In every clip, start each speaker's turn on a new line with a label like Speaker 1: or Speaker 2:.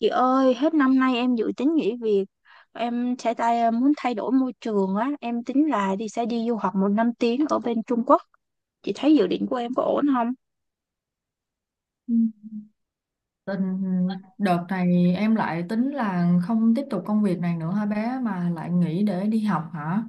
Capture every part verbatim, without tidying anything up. Speaker 1: Chị ơi, hết năm nay em dự tính nghỉ việc. Em sẽ tay ờ, muốn thay đổi môi trường á, em tính là đi sẽ đi du học một năm tiếng ở bên Trung Quốc. Chị thấy dự định của em có ổn không?
Speaker 2: Ừ. Tình Đợt này em lại tính là không tiếp tục công việc này nữa hả bé, mà lại nghỉ để đi học hả?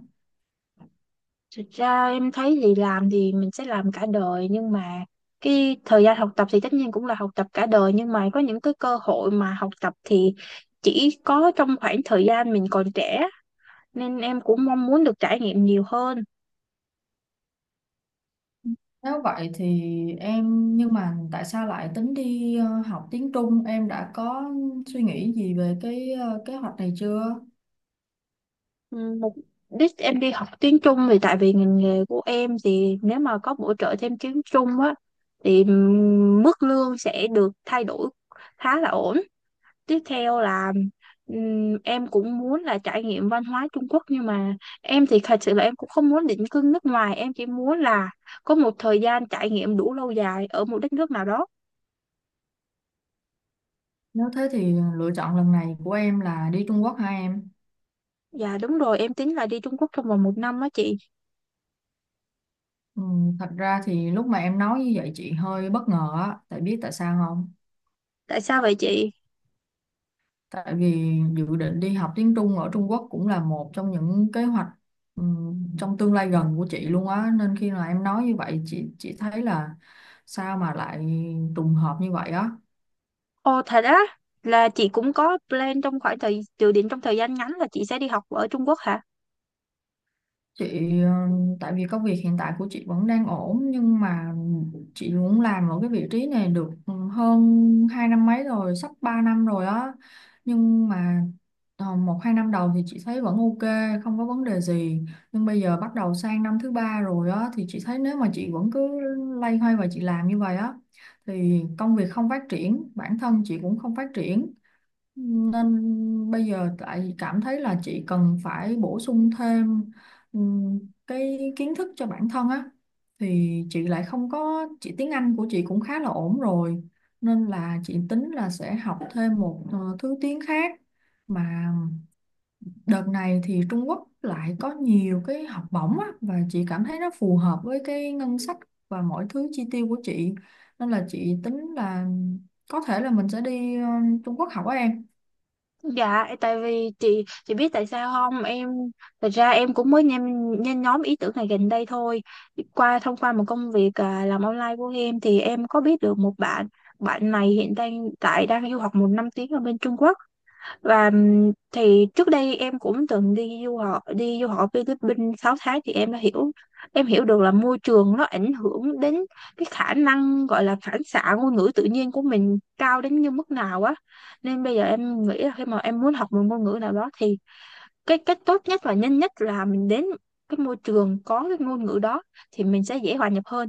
Speaker 1: Thực ra em thấy thì làm thì mình sẽ làm cả đời, nhưng mà cái thời gian học tập thì tất nhiên cũng là học tập cả đời, nhưng mà có những cái cơ hội mà học tập thì chỉ có trong khoảng thời gian mình còn trẻ, nên em cũng mong muốn được trải nghiệm nhiều hơn.
Speaker 2: Nếu vậy thì em, nhưng mà tại sao lại tính đi ờ, học tiếng Trung? Em đã có suy nghĩ gì về cái ờ, kế hoạch này chưa?
Speaker 1: Một đích em đi học tiếng Trung thì tại vì ngành nghề của em thì nếu mà có bổ trợ thêm tiếng Trung á thì ừm, mức lương sẽ được thay đổi khá là ổn. Tiếp theo là ừm, em cũng muốn là trải nghiệm văn hóa Trung Quốc, nhưng mà em thì thật sự là em cũng không muốn định cư nước ngoài, em chỉ muốn là có một thời gian trải nghiệm đủ lâu dài ở một đất nước nào đó.
Speaker 2: Nếu thế thì lựa chọn lần này của em là đi Trung Quốc hả em?
Speaker 1: Dạ đúng rồi, em tính là đi Trung Quốc trong vòng một năm á chị.
Speaker 2: Ừ, thật ra thì lúc mà em nói như vậy chị hơi bất ngờ á, tại biết tại sao không?
Speaker 1: Tại sao vậy chị?
Speaker 2: Tại vì dự định đi học tiếng Trung ở Trung Quốc cũng là một trong những kế hoạch ừm, trong tương lai gần của chị luôn á, nên khi mà em nói như vậy chị chị thấy là sao mà lại trùng hợp như vậy á.
Speaker 1: Ồ thật á, là chị cũng có plan trong khoảng thời dự định trong thời gian ngắn là chị sẽ đi học ở Trung Quốc hả?
Speaker 2: Chị ờ, tại vì công việc hiện tại của chị vẫn đang ổn, nhưng mà chị muốn làm ở cái vị trí này được ừ, hơn hai năm mấy rồi, sắp ba năm rồi á. Nhưng mà ờ, một hai năm đầu thì chị thấy vẫn ok, không có vấn đề gì. Nhưng bây giờ bắt đầu sang năm thứ ba rồi á, thì chị thấy nếu mà chị vẫn cứ loay hoay và chị làm như vậy á thì công việc không phát triển, bản thân chị cũng không phát triển. Nên bây giờ tại cảm thấy là chị cần phải bổ sung thêm Ừm, cái kiến thức cho bản thân á, thì chị lại không có chị tiếng Anh của chị cũng khá là ổn rồi, nên là chị tính là sẽ học thêm một ờ, thứ tiếng khác, mà đợt này thì Trung Quốc lại có nhiều cái học bổng á, và chị cảm thấy nó phù hợp với cái ngân sách và mọi thứ chi tiêu của chị, nên là chị tính là có thể là mình sẽ đi ờ, Trung Quốc học á em.
Speaker 1: Dạ, tại vì chị chị biết tại sao không? Em thật ra em cũng mới nhen, nhen nhóm ý tưởng này gần đây thôi. Qua thông qua một công việc à, làm online của em thì em có biết được một bạn, bạn này hiện đang tại đang du học một năm tiếng ở bên Trung Quốc. Và ừm, thì trước đây em cũng từng đi du học đi du học Philippines sáu tháng, thì em đã hiểu em hiểu được là môi trường nó ảnh hưởng đến cái khả năng gọi là phản xạ ngôn ngữ tự nhiên của mình cao đến như mức nào á, nên bây giờ em nghĩ là khi mà em muốn học một ngôn ngữ nào đó thì cái cách tốt nhất và nhanh nhất là mình đến cái môi trường có cái ngôn ngữ đó thì mình sẽ dễ hòa nhập hơn.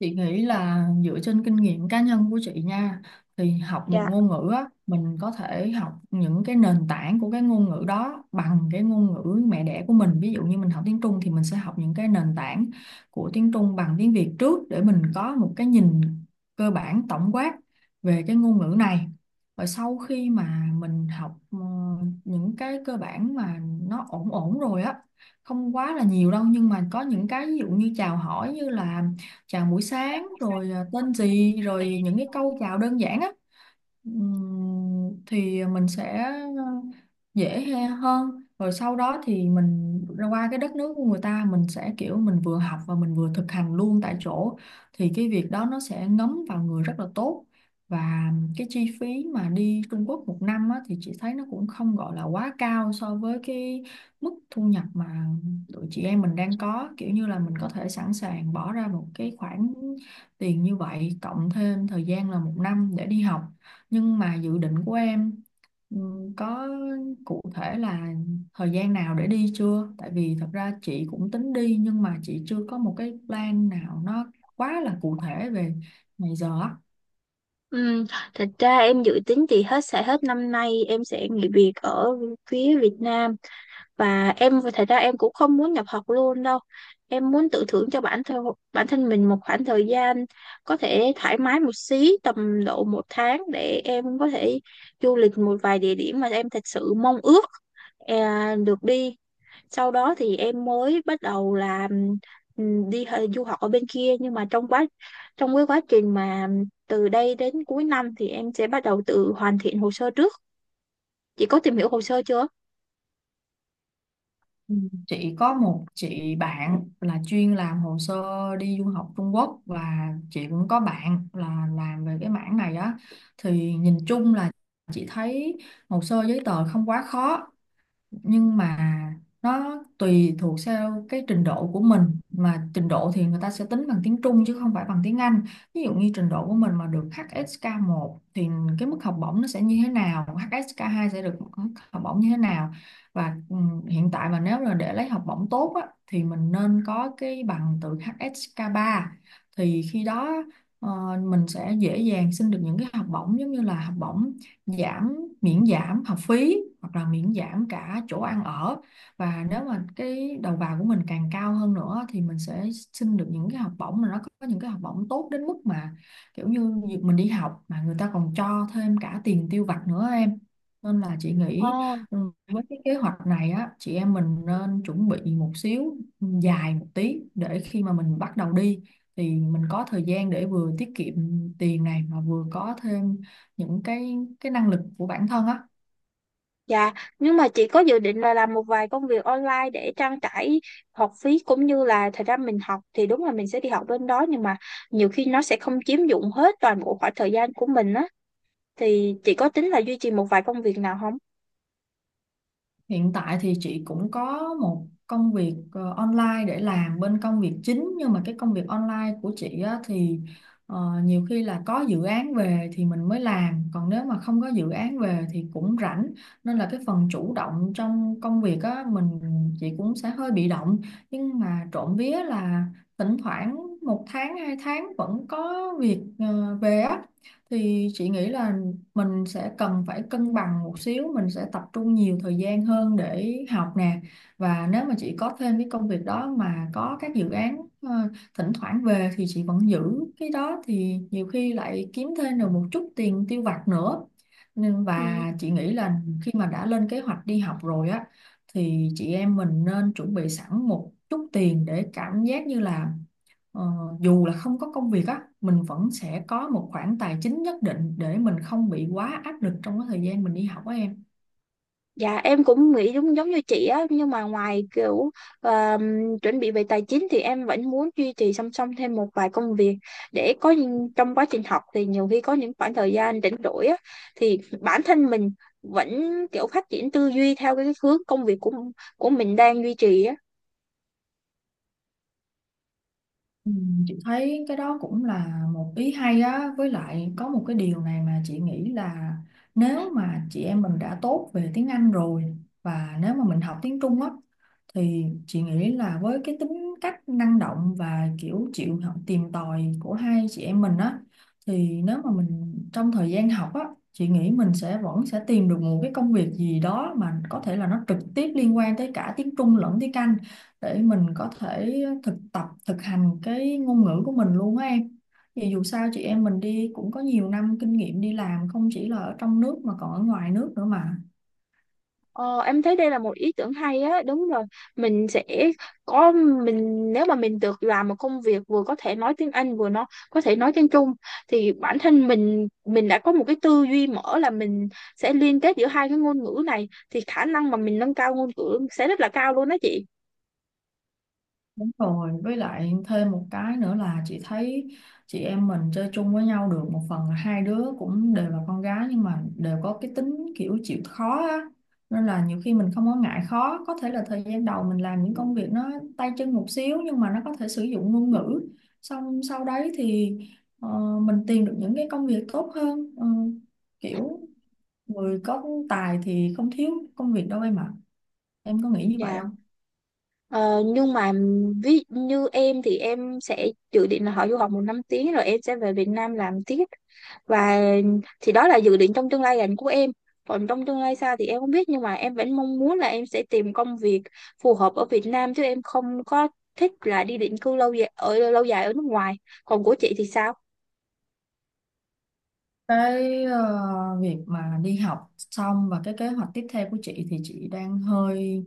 Speaker 2: Chị nghĩ là dựa trên kinh nghiệm cá nhân của chị nha, thì học một
Speaker 1: Dạ.
Speaker 2: ngôn ngữ á, mình có thể học những cái nền tảng của cái ngôn ngữ đó bằng cái ngôn ngữ mẹ đẻ của mình, ví dụ như mình học tiếng Trung thì mình sẽ học những cái nền tảng của tiếng Trung bằng tiếng Việt trước, để mình có một cái nhìn cơ bản tổng quát về cái ngôn ngữ này. Và sau khi mà mình học ờ, những cái cơ bản mà nó ổn ổn rồi á, không quá là nhiều đâu, nhưng mà có những cái ví dụ như chào hỏi, như là chào buổi sáng rồi à, tên gì rồi những cái câu chào đơn giản á. Ừm, thì mình sẽ dễ he- hơn, rồi sau đó thì mình ra qua cái đất nước của người ta, mình sẽ kiểu mình vừa học và mình vừa thực hành luôn tại chỗ, thì cái việc đó nó sẽ ngấm vào người rất là tốt. Và cái chi phí mà đi Trung Quốc một năm á, thì chị thấy nó cũng không gọi là quá cao so với cái mức thu nhập mà tụi chị em mình đang có, kiểu như là mình có thể sẵn sàng bỏ ra một cái khoản tiền như vậy cộng thêm thời gian là một năm để đi học. Nhưng mà dự định của em ừ, có cụ thể là thời gian nào để đi chưa? Tại vì thật ra chị cũng tính đi, nhưng mà chị chưa có một cái plan nào nó quá là cụ thể về ngày giờ á.
Speaker 1: Ừm, Thật ra em dự tính thì hết sẽ hết năm nay em sẽ nghỉ việc ở phía Việt Nam, và em thật ra em cũng không muốn nhập học luôn đâu, em muốn tự thưởng cho bản thân bản thân mình một khoảng thời gian có thể thoải mái một xí, tầm độ một tháng, để em có thể du lịch một vài địa điểm mà em thật sự mong ước à, được đi. Sau đó thì em mới bắt đầu là ừm, đi hờ- du học ở bên kia, nhưng mà trong quá trong cái quá trình mà từ đây đến cuối năm thì em sẽ bắt đầu tự hoàn thiện hồ sơ trước. Chị có tìm hiểu hồ sơ chưa?
Speaker 2: Ừ, chị có một chị bạn là chuyên làm hồ sơ đi du học Trung Quốc, và chị cũng có bạn là làm về cái mảng này á, thì nhìn chung là chị thấy hồ sơ giấy tờ không quá khó, nhưng mà nó tùy thuộc theo cái trình độ của mình. Mà trình độ thì người ta sẽ tính bằng tiếng Trung chứ không phải bằng tiếng Anh. Ví dụ như trình độ của mình mà được hát ét ca một thì cái mức học bổng nó sẽ như thế nào, hát ét ca hai sẽ được mức học bổng như thế nào. Và ừ, hiện tại mà nếu là để lấy học bổng tốt á, thì mình nên có cái bằng từ hát ét ca ba, thì khi đó ờ, mình sẽ dễ dàng xin được những cái học bổng giống như là học bổng giảm miễn giảm học phí hoặc là miễn giảm cả chỗ ăn ở. Và nếu mà cái đầu vào của mình càng cao hơn nữa thì mình sẽ xin được những cái học bổng mà nó có những cái học bổng tốt đến mức mà kiểu như việc mình đi học mà người ta còn cho thêm cả tiền tiêu vặt nữa em. Nên là chị nghĩ
Speaker 1: Ờ.
Speaker 2: ừ, với cái kế hoạch này á, chị em mình nên chuẩn bị một xíu dài một tí, để khi mà mình bắt đầu đi thì mình có thời gian để vừa tiết kiệm tiền này, mà vừa có thêm những cái cái năng lực của bản thân á.
Speaker 1: Dạ, nhưng mà chị có dự định là làm một vài công việc online để trang trải học phí cũng như là thời gian mình học thì đúng là mình sẽ đi học bên đó, nhưng mà nhiều khi nó sẽ không chiếm dụng hết toàn bộ khoảng thời gian của mình á, thì chị có tính là duy trì một vài công việc nào không?
Speaker 2: Hiện tại thì chị cũng có một công việc ờ, online để làm bên công việc chính, nhưng mà cái công việc online của chị á, thì ờ, nhiều khi là có dự án về thì mình mới làm, còn nếu mà không có dự án về thì cũng rảnh. Nên là cái phần chủ động trong công việc á mình, chị cũng sẽ hơi bị động, nhưng mà trộm vía là thỉnh thoảng một tháng hai tháng vẫn có việc ờ, về á, thì chị nghĩ là mình sẽ cần phải cân bằng một xíu, mình sẽ tập trung nhiều thời gian hơn để học nè. Và nếu mà chị có thêm cái công việc đó mà có các dự án ờ, thỉnh thoảng về thì chị vẫn giữ cái đó, thì nhiều khi lại kiếm thêm được một chút tiền tiêu vặt nữa. Nên và
Speaker 1: Ừ.
Speaker 2: chị nghĩ là khi mà đã lên kế hoạch đi học rồi á, thì chị em mình nên chuẩn bị sẵn một chút tiền, để cảm giác như là Ờ, dù là không có công việc á, mình vẫn sẽ có một khoản tài chính nhất định để mình không bị quá áp lực trong cái thời gian mình đi học á em.
Speaker 1: Dạ em cũng nghĩ giống giống như chị á, nhưng mà ngoài kiểu ờ, chuẩn bị về tài chính thì em vẫn muốn duy trì song song thêm một vài công việc để có những- trong quá trình học thì nhiều khi có những khoảng thời gian rảnh rỗi á, thì bản thân mình vẫn kiểu phát triển tư duy theo cái hướng công việc của của mình đang duy trì á.
Speaker 2: Ừ, chị thấy cái đó cũng là một ý hay á, với lại có một cái điều này mà chị nghĩ là nếu mà chị em mình đã tốt về tiếng Anh rồi, và nếu mà mình học tiếng Trung á, thì chị nghĩ là với cái tính cách năng động và kiểu chịu học tìm tòi của hai chị em mình á, thì nếu mà mình trong thời gian học á, chị nghĩ mình sẽ vẫn sẽ tìm được một cái công việc gì đó mà có thể là nó trực tiếp liên quan tới cả tiếng Trung lẫn tiếng Anh, để mình có thể thực tập thực hành cái ngôn ngữ của mình luôn á em. Vì dù sao chị em mình đi cũng có nhiều năm kinh nghiệm đi làm, không chỉ là ở trong nước mà còn ở ngoài nước nữa mà.
Speaker 1: Ờ, em thấy đây là một ý tưởng hay á, đúng rồi. Mình sẽ có, mình nếu mà mình được làm một công việc vừa có thể nói tiếng Anh vừa nó có thể nói tiếng Trung thì bản thân mình mình đã có một cái tư duy mở, là mình sẽ liên kết giữa hai cái ngôn ngữ này thì khả năng mà mình nâng cao ngôn ngữ sẽ rất là cao luôn đó chị.
Speaker 2: Đúng rồi, với lại thêm một cái nữa là chị thấy chị em mình chơi chung với nhau được, một phần là hai đứa cũng đều là con gái, nhưng mà đều có cái tính kiểu chịu khó á. Nên là nhiều khi mình không có ngại khó, có thể là thời gian đầu mình làm những công việc nó tay chân một xíu, nhưng mà nó có thể sử dụng ngôn ngữ. Xong sau đấy thì ờ, mình tìm được những cái công việc tốt hơn. Ờ, kiểu người có tài thì không thiếu công việc đâu em ạ. Em có nghĩ như vậy
Speaker 1: Dạ.
Speaker 2: không?
Speaker 1: Ờ, nhưng mà ví như em thì em sẽ dự định là họ du học một năm tiếng rồi em sẽ về Việt Nam làm tiếp, và thì đó là dự định trong tương lai gần của em. Còn trong tương lai xa thì em không biết, nhưng mà em vẫn mong muốn là em sẽ tìm công việc phù hợp ở Việt Nam chứ em không có thích là đi định cư lâu dài ở lâu dài ở nước ngoài. Còn của chị thì sao?
Speaker 2: Cái ờ, việc mà đi học xong và cái kế hoạch tiếp theo của chị thì chị đang hơi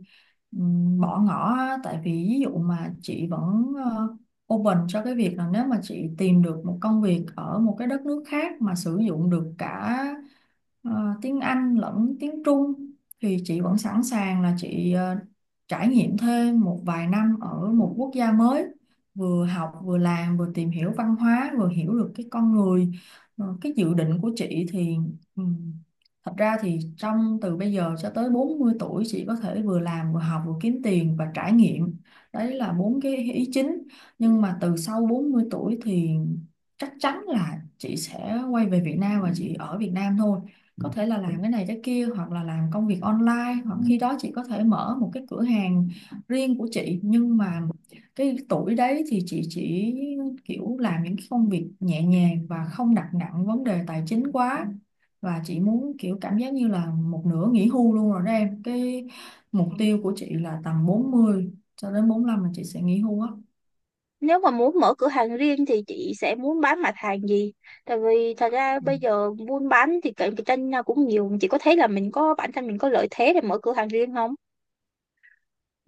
Speaker 2: ừm, bỏ ngỏ á. Tại vì ví dụ mà chị vẫn ờ, open cho cái việc là nếu mà chị tìm được một công việc ở một cái đất nước khác mà sử dụng được cả ờ, tiếng Anh lẫn tiếng Trung, thì chị vẫn sẵn sàng là chị ờ, trải nghiệm thêm một vài năm ở một quốc gia mới, vừa học vừa làm vừa tìm hiểu văn hóa vừa hiểu được cái con người. Ờ, cái dự định của chị thì ừm, thật ra thì trong từ bây giờ cho tới bốn mươi tuổi chị có thể vừa làm vừa học vừa kiếm tiền và trải nghiệm. Đấy là bốn cái ý chính. Nhưng mà từ sau bốn mươi tuổi thì chắc chắn là chị sẽ quay về Việt Nam và chị ở Việt Nam thôi. Có thể là làm cái này cái kia hoặc là làm công việc online, hoặc khi đó chị có thể mở một cái cửa hàng riêng của chị. Nhưng mà cái tuổi đấy thì chị chỉ kiểu làm những cái công việc nhẹ nhàng và không đặt nặng vấn đề tài chính quá, và chị muốn kiểu cảm giác như là một nửa nghỉ hưu luôn rồi đó em. Cái mục tiêu của chị là tầm bốn mươi cho đến bốn lăm là chị sẽ nghỉ hưu á.
Speaker 1: Nếu mà muốn mở cửa hàng riêng thì chị sẽ muốn bán mặt hàng gì? Tại vì thật ra
Speaker 2: Ừ.
Speaker 1: bây giờ buôn bán thì cạnh tranh nhau cũng nhiều, chị có thấy là mình có bản thân mình có lợi thế để mở cửa hàng riêng không?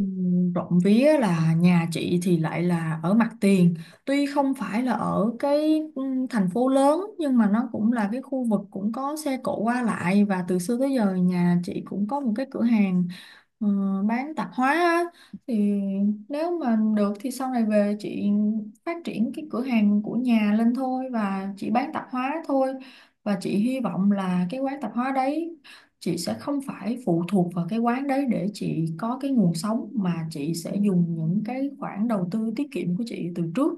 Speaker 2: Ừm, trộm vía là nhà chị thì lại là ở mặt tiền, tuy không phải là ở cái ừm, thành phố lớn nhưng mà nó cũng là cái khu vực cũng có xe cộ qua lại, và từ xưa tới giờ nhà chị cũng có một cái cửa hàng ờ, bán tạp hóa á. Thì nếu mà được thì sau này về chị phát triển cái cửa hàng của nhà lên thôi, và chị bán tạp hóa thôi. Và chị hy vọng là cái quán tạp hóa đấy chị sẽ không phải phụ thuộc vào cái quán đấy để chị có cái nguồn sống, mà chị sẽ dùng những cái khoản đầu tư tiết kiệm của chị từ trước.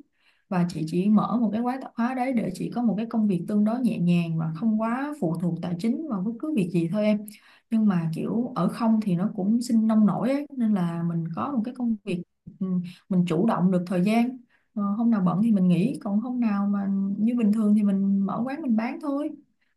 Speaker 2: Và chị chỉ mở một cái quán tạp hóa đấy để chị có một cái công việc tương đối nhẹ nhàng và không quá phụ thuộc tài chính vào bất cứ việc gì thôi em. Nhưng mà kiểu ở không thì nó cũng sinh nông nổi ấy, nên là mình có một cái công việc, ừ, mình chủ động được thời gian. Ờ, hôm nào bận thì mình nghỉ, còn hôm nào mà như bình thường thì mình mở quán mình bán thôi.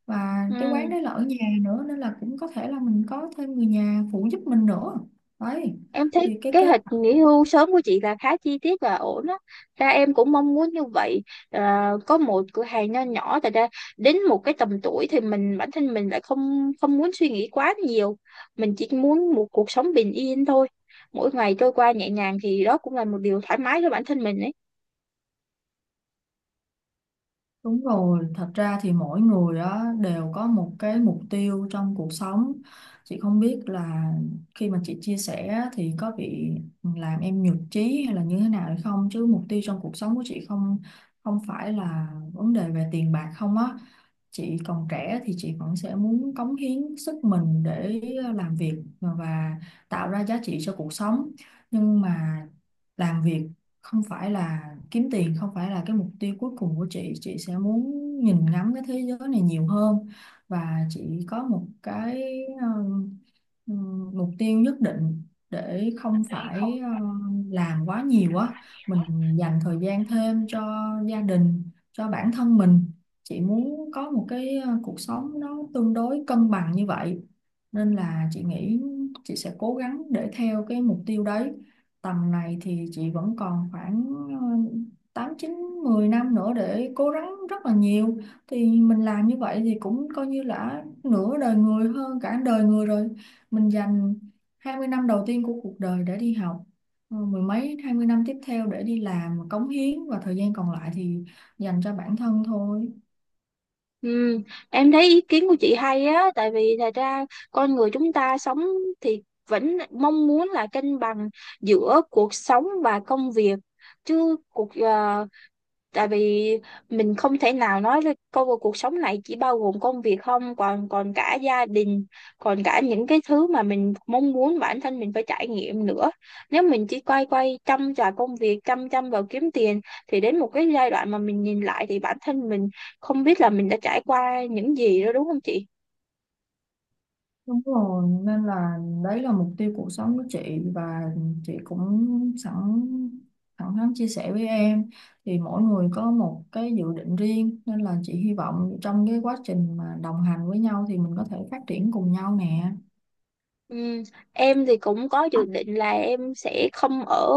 Speaker 2: Và
Speaker 1: Ừ.
Speaker 2: cái quán đấy là ở nhà nữa, nên là cũng có thể là mình có thêm người nhà phụ giúp mình nữa. Đấy,
Speaker 1: Em thấy
Speaker 2: thì cái
Speaker 1: kế
Speaker 2: kế
Speaker 1: hoạch nghỉ
Speaker 2: hoạch.
Speaker 1: hưu sớm của chị là khá chi tiết và ổn á, ra em cũng mong muốn như vậy, à, có một cửa hàng nho nhỏ tại ra đến một cái tầm tuổi thì mình bản thân mình lại không không muốn suy nghĩ quá nhiều, mình chỉ muốn một cuộc sống bình yên thôi, mỗi ngày trôi qua nhẹ nhàng thì đó cũng là một điều thoải mái cho bản thân mình ấy.
Speaker 2: Đúng rồi, thật ra thì mỗi người á đều có một cái mục tiêu trong cuộc sống. Chị không biết là khi mà chị chia sẻ á, thì có bị làm em nhụt chí hay là như thế nào hay không, chứ mục tiêu trong cuộc sống của chị không không phải là vấn đề về tiền bạc không á. Chị còn trẻ thì chị vẫn sẽ muốn cống hiến sức mình để làm việc và và tạo ra giá trị cho cuộc sống. Nhưng mà làm việc không phải là kiếm tiền, không phải là cái mục tiêu cuối cùng của chị. Chị sẽ muốn nhìn ngắm cái thế giới này nhiều hơn, và chị có một cái um, um, mục tiêu nhất định để không phải um, làm quá nhiều, quá mình dành thời gian thêm cho gia đình, cho bản thân mình. Chị muốn có một cái uh, cuộc sống nó tương đối cân bằng như vậy, nên là chị nghĩ chị sẽ cố gắng để theo cái mục tiêu đấy. Tầm này thì chị vẫn còn khoảng ờ, tám chín mười năm nữa để cố gắng rất là nhiều. Thì mình làm như vậy thì cũng coi như là nửa đời người, hơn cả đời người rồi. Mình dành hai mươi năm đầu tiên của cuộc đời để đi học, ờ, mười mấy hai mươi năm tiếp theo để đi làm cống hiến, và thời gian còn lại thì dành cho bản thân thôi.
Speaker 1: Ừ, em thấy ý kiến của chị hay á, tại vì thật ra con người chúng ta sống thì vẫn mong muốn là cân bằng giữa cuộc sống và công việc. Chứ cuộc ờ, Tại vì mình không thể nào nói là công cuộc cuộc sống này chỉ bao gồm công việc, không, còn còn cả gia đình, còn cả những cái thứ mà mình mong muốn bản thân mình phải trải nghiệm nữa. Nếu mình chỉ quay quay chăm vào công việc, chăm chăm vào kiếm tiền, thì đến một cái giai đoạn mà mình nhìn lại thì bản thân mình không biết là mình đã trải qua những gì đó, đúng không chị?
Speaker 2: Đúng rồi, nên là đấy là mục tiêu cuộc sống của chị. Và chị cũng sẵn, thẳng thắn chia sẻ với em thì mỗi người có một cái dự định riêng, nên là chị hy vọng trong cái quá trình mà đồng hành với nhau thì mình có thể phát triển cùng nhau nè.
Speaker 1: Ừ, em thì cũng có dự định là em sẽ không ở,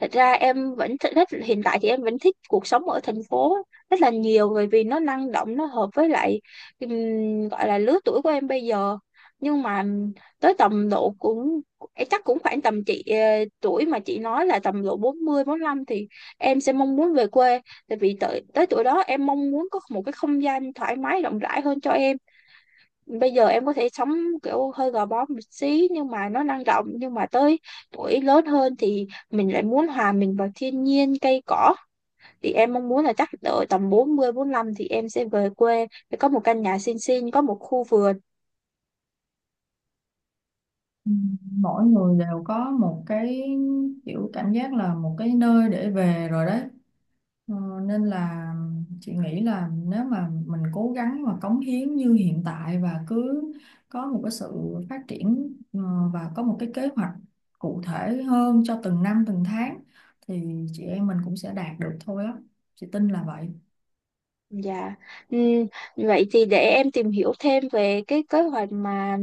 Speaker 1: thật ra em vẫn thích, thích hiện tại thì em vẫn thích cuộc sống ở thành phố rất là nhiều, bởi vì nó năng động, nó hợp với lại ừm, gọi là lứa tuổi của em bây giờ. Nhưng mà tới tầm độ cũng, em chắc cũng khoảng tầm chị ờ, tuổi mà chị nói là tầm độ bốn mươi bốn 45 thì em sẽ mong muốn về quê, tại vì tới tới tuổi đó em mong muốn có một cái không gian thoải mái rộng rãi hơn cho em. Bây giờ em có thể sống kiểu hơi gò bó một xí nhưng mà nó năng động, nhưng mà tới tuổi lớn hơn thì mình lại muốn hòa mình vào thiên nhiên cây cỏ, thì em mong muốn là chắc đợi tầm bốn mươi bốn 45 thì em sẽ về quê để có một căn nhà xinh xinh, có một khu vườn.
Speaker 2: Ừ, mỗi người đều có một cái kiểu cảm giác là một cái nơi để về rồi đấy. Ờ, nên là chị nghĩ là nếu mà mình cố gắng và cống hiến như hiện tại và cứ có một cái sự phát triển, ờ, và có một cái kế hoạch cụ thể hơn cho từng năm từng tháng, thì chị em mình cũng sẽ đạt được thôi á, chị tin là vậy.
Speaker 1: Dạ. Ừm, Vậy thì để em tìm hiểu thêm về cái kế hoạch mà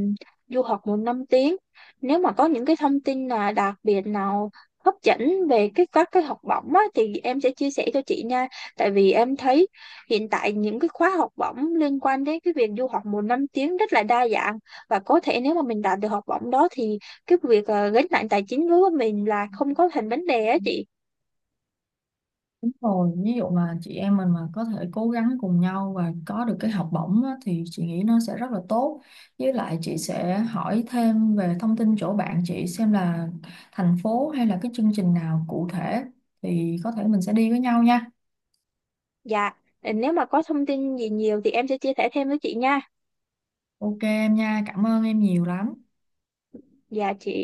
Speaker 1: du học một năm tiếng. Nếu mà có những cái thông tin là đặc biệt nào hấp dẫn về cái các cái học bổng á, thì em sẽ chia sẻ cho chị nha. Tại vì em thấy hiện tại những cái khóa học bổng liên quan đến cái việc du học một năm tiếng rất là đa dạng, và có thể nếu mà mình đạt được học bổng đó thì cái việc ờ, gánh nặng tài chính đối với mình là không có thành vấn đề á chị.
Speaker 2: Đúng rồi, ví dụ mà chị em mình mà có thể cố gắng cùng nhau và có được cái học bổng á, thì chị nghĩ nó sẽ rất là tốt. Với lại chị sẽ hỏi thêm về thông tin chỗ bạn chị xem là thành phố hay là cái chương trình nào cụ thể thì có thể mình sẽ đi với nhau nha.
Speaker 1: Dạ. Ờ, nếu mà có thông tin gì nhiều thì em sẽ chia sẻ thêm với chị nha.
Speaker 2: Ok em nha, cảm ơn em nhiều lắm.
Speaker 1: Dạ chị.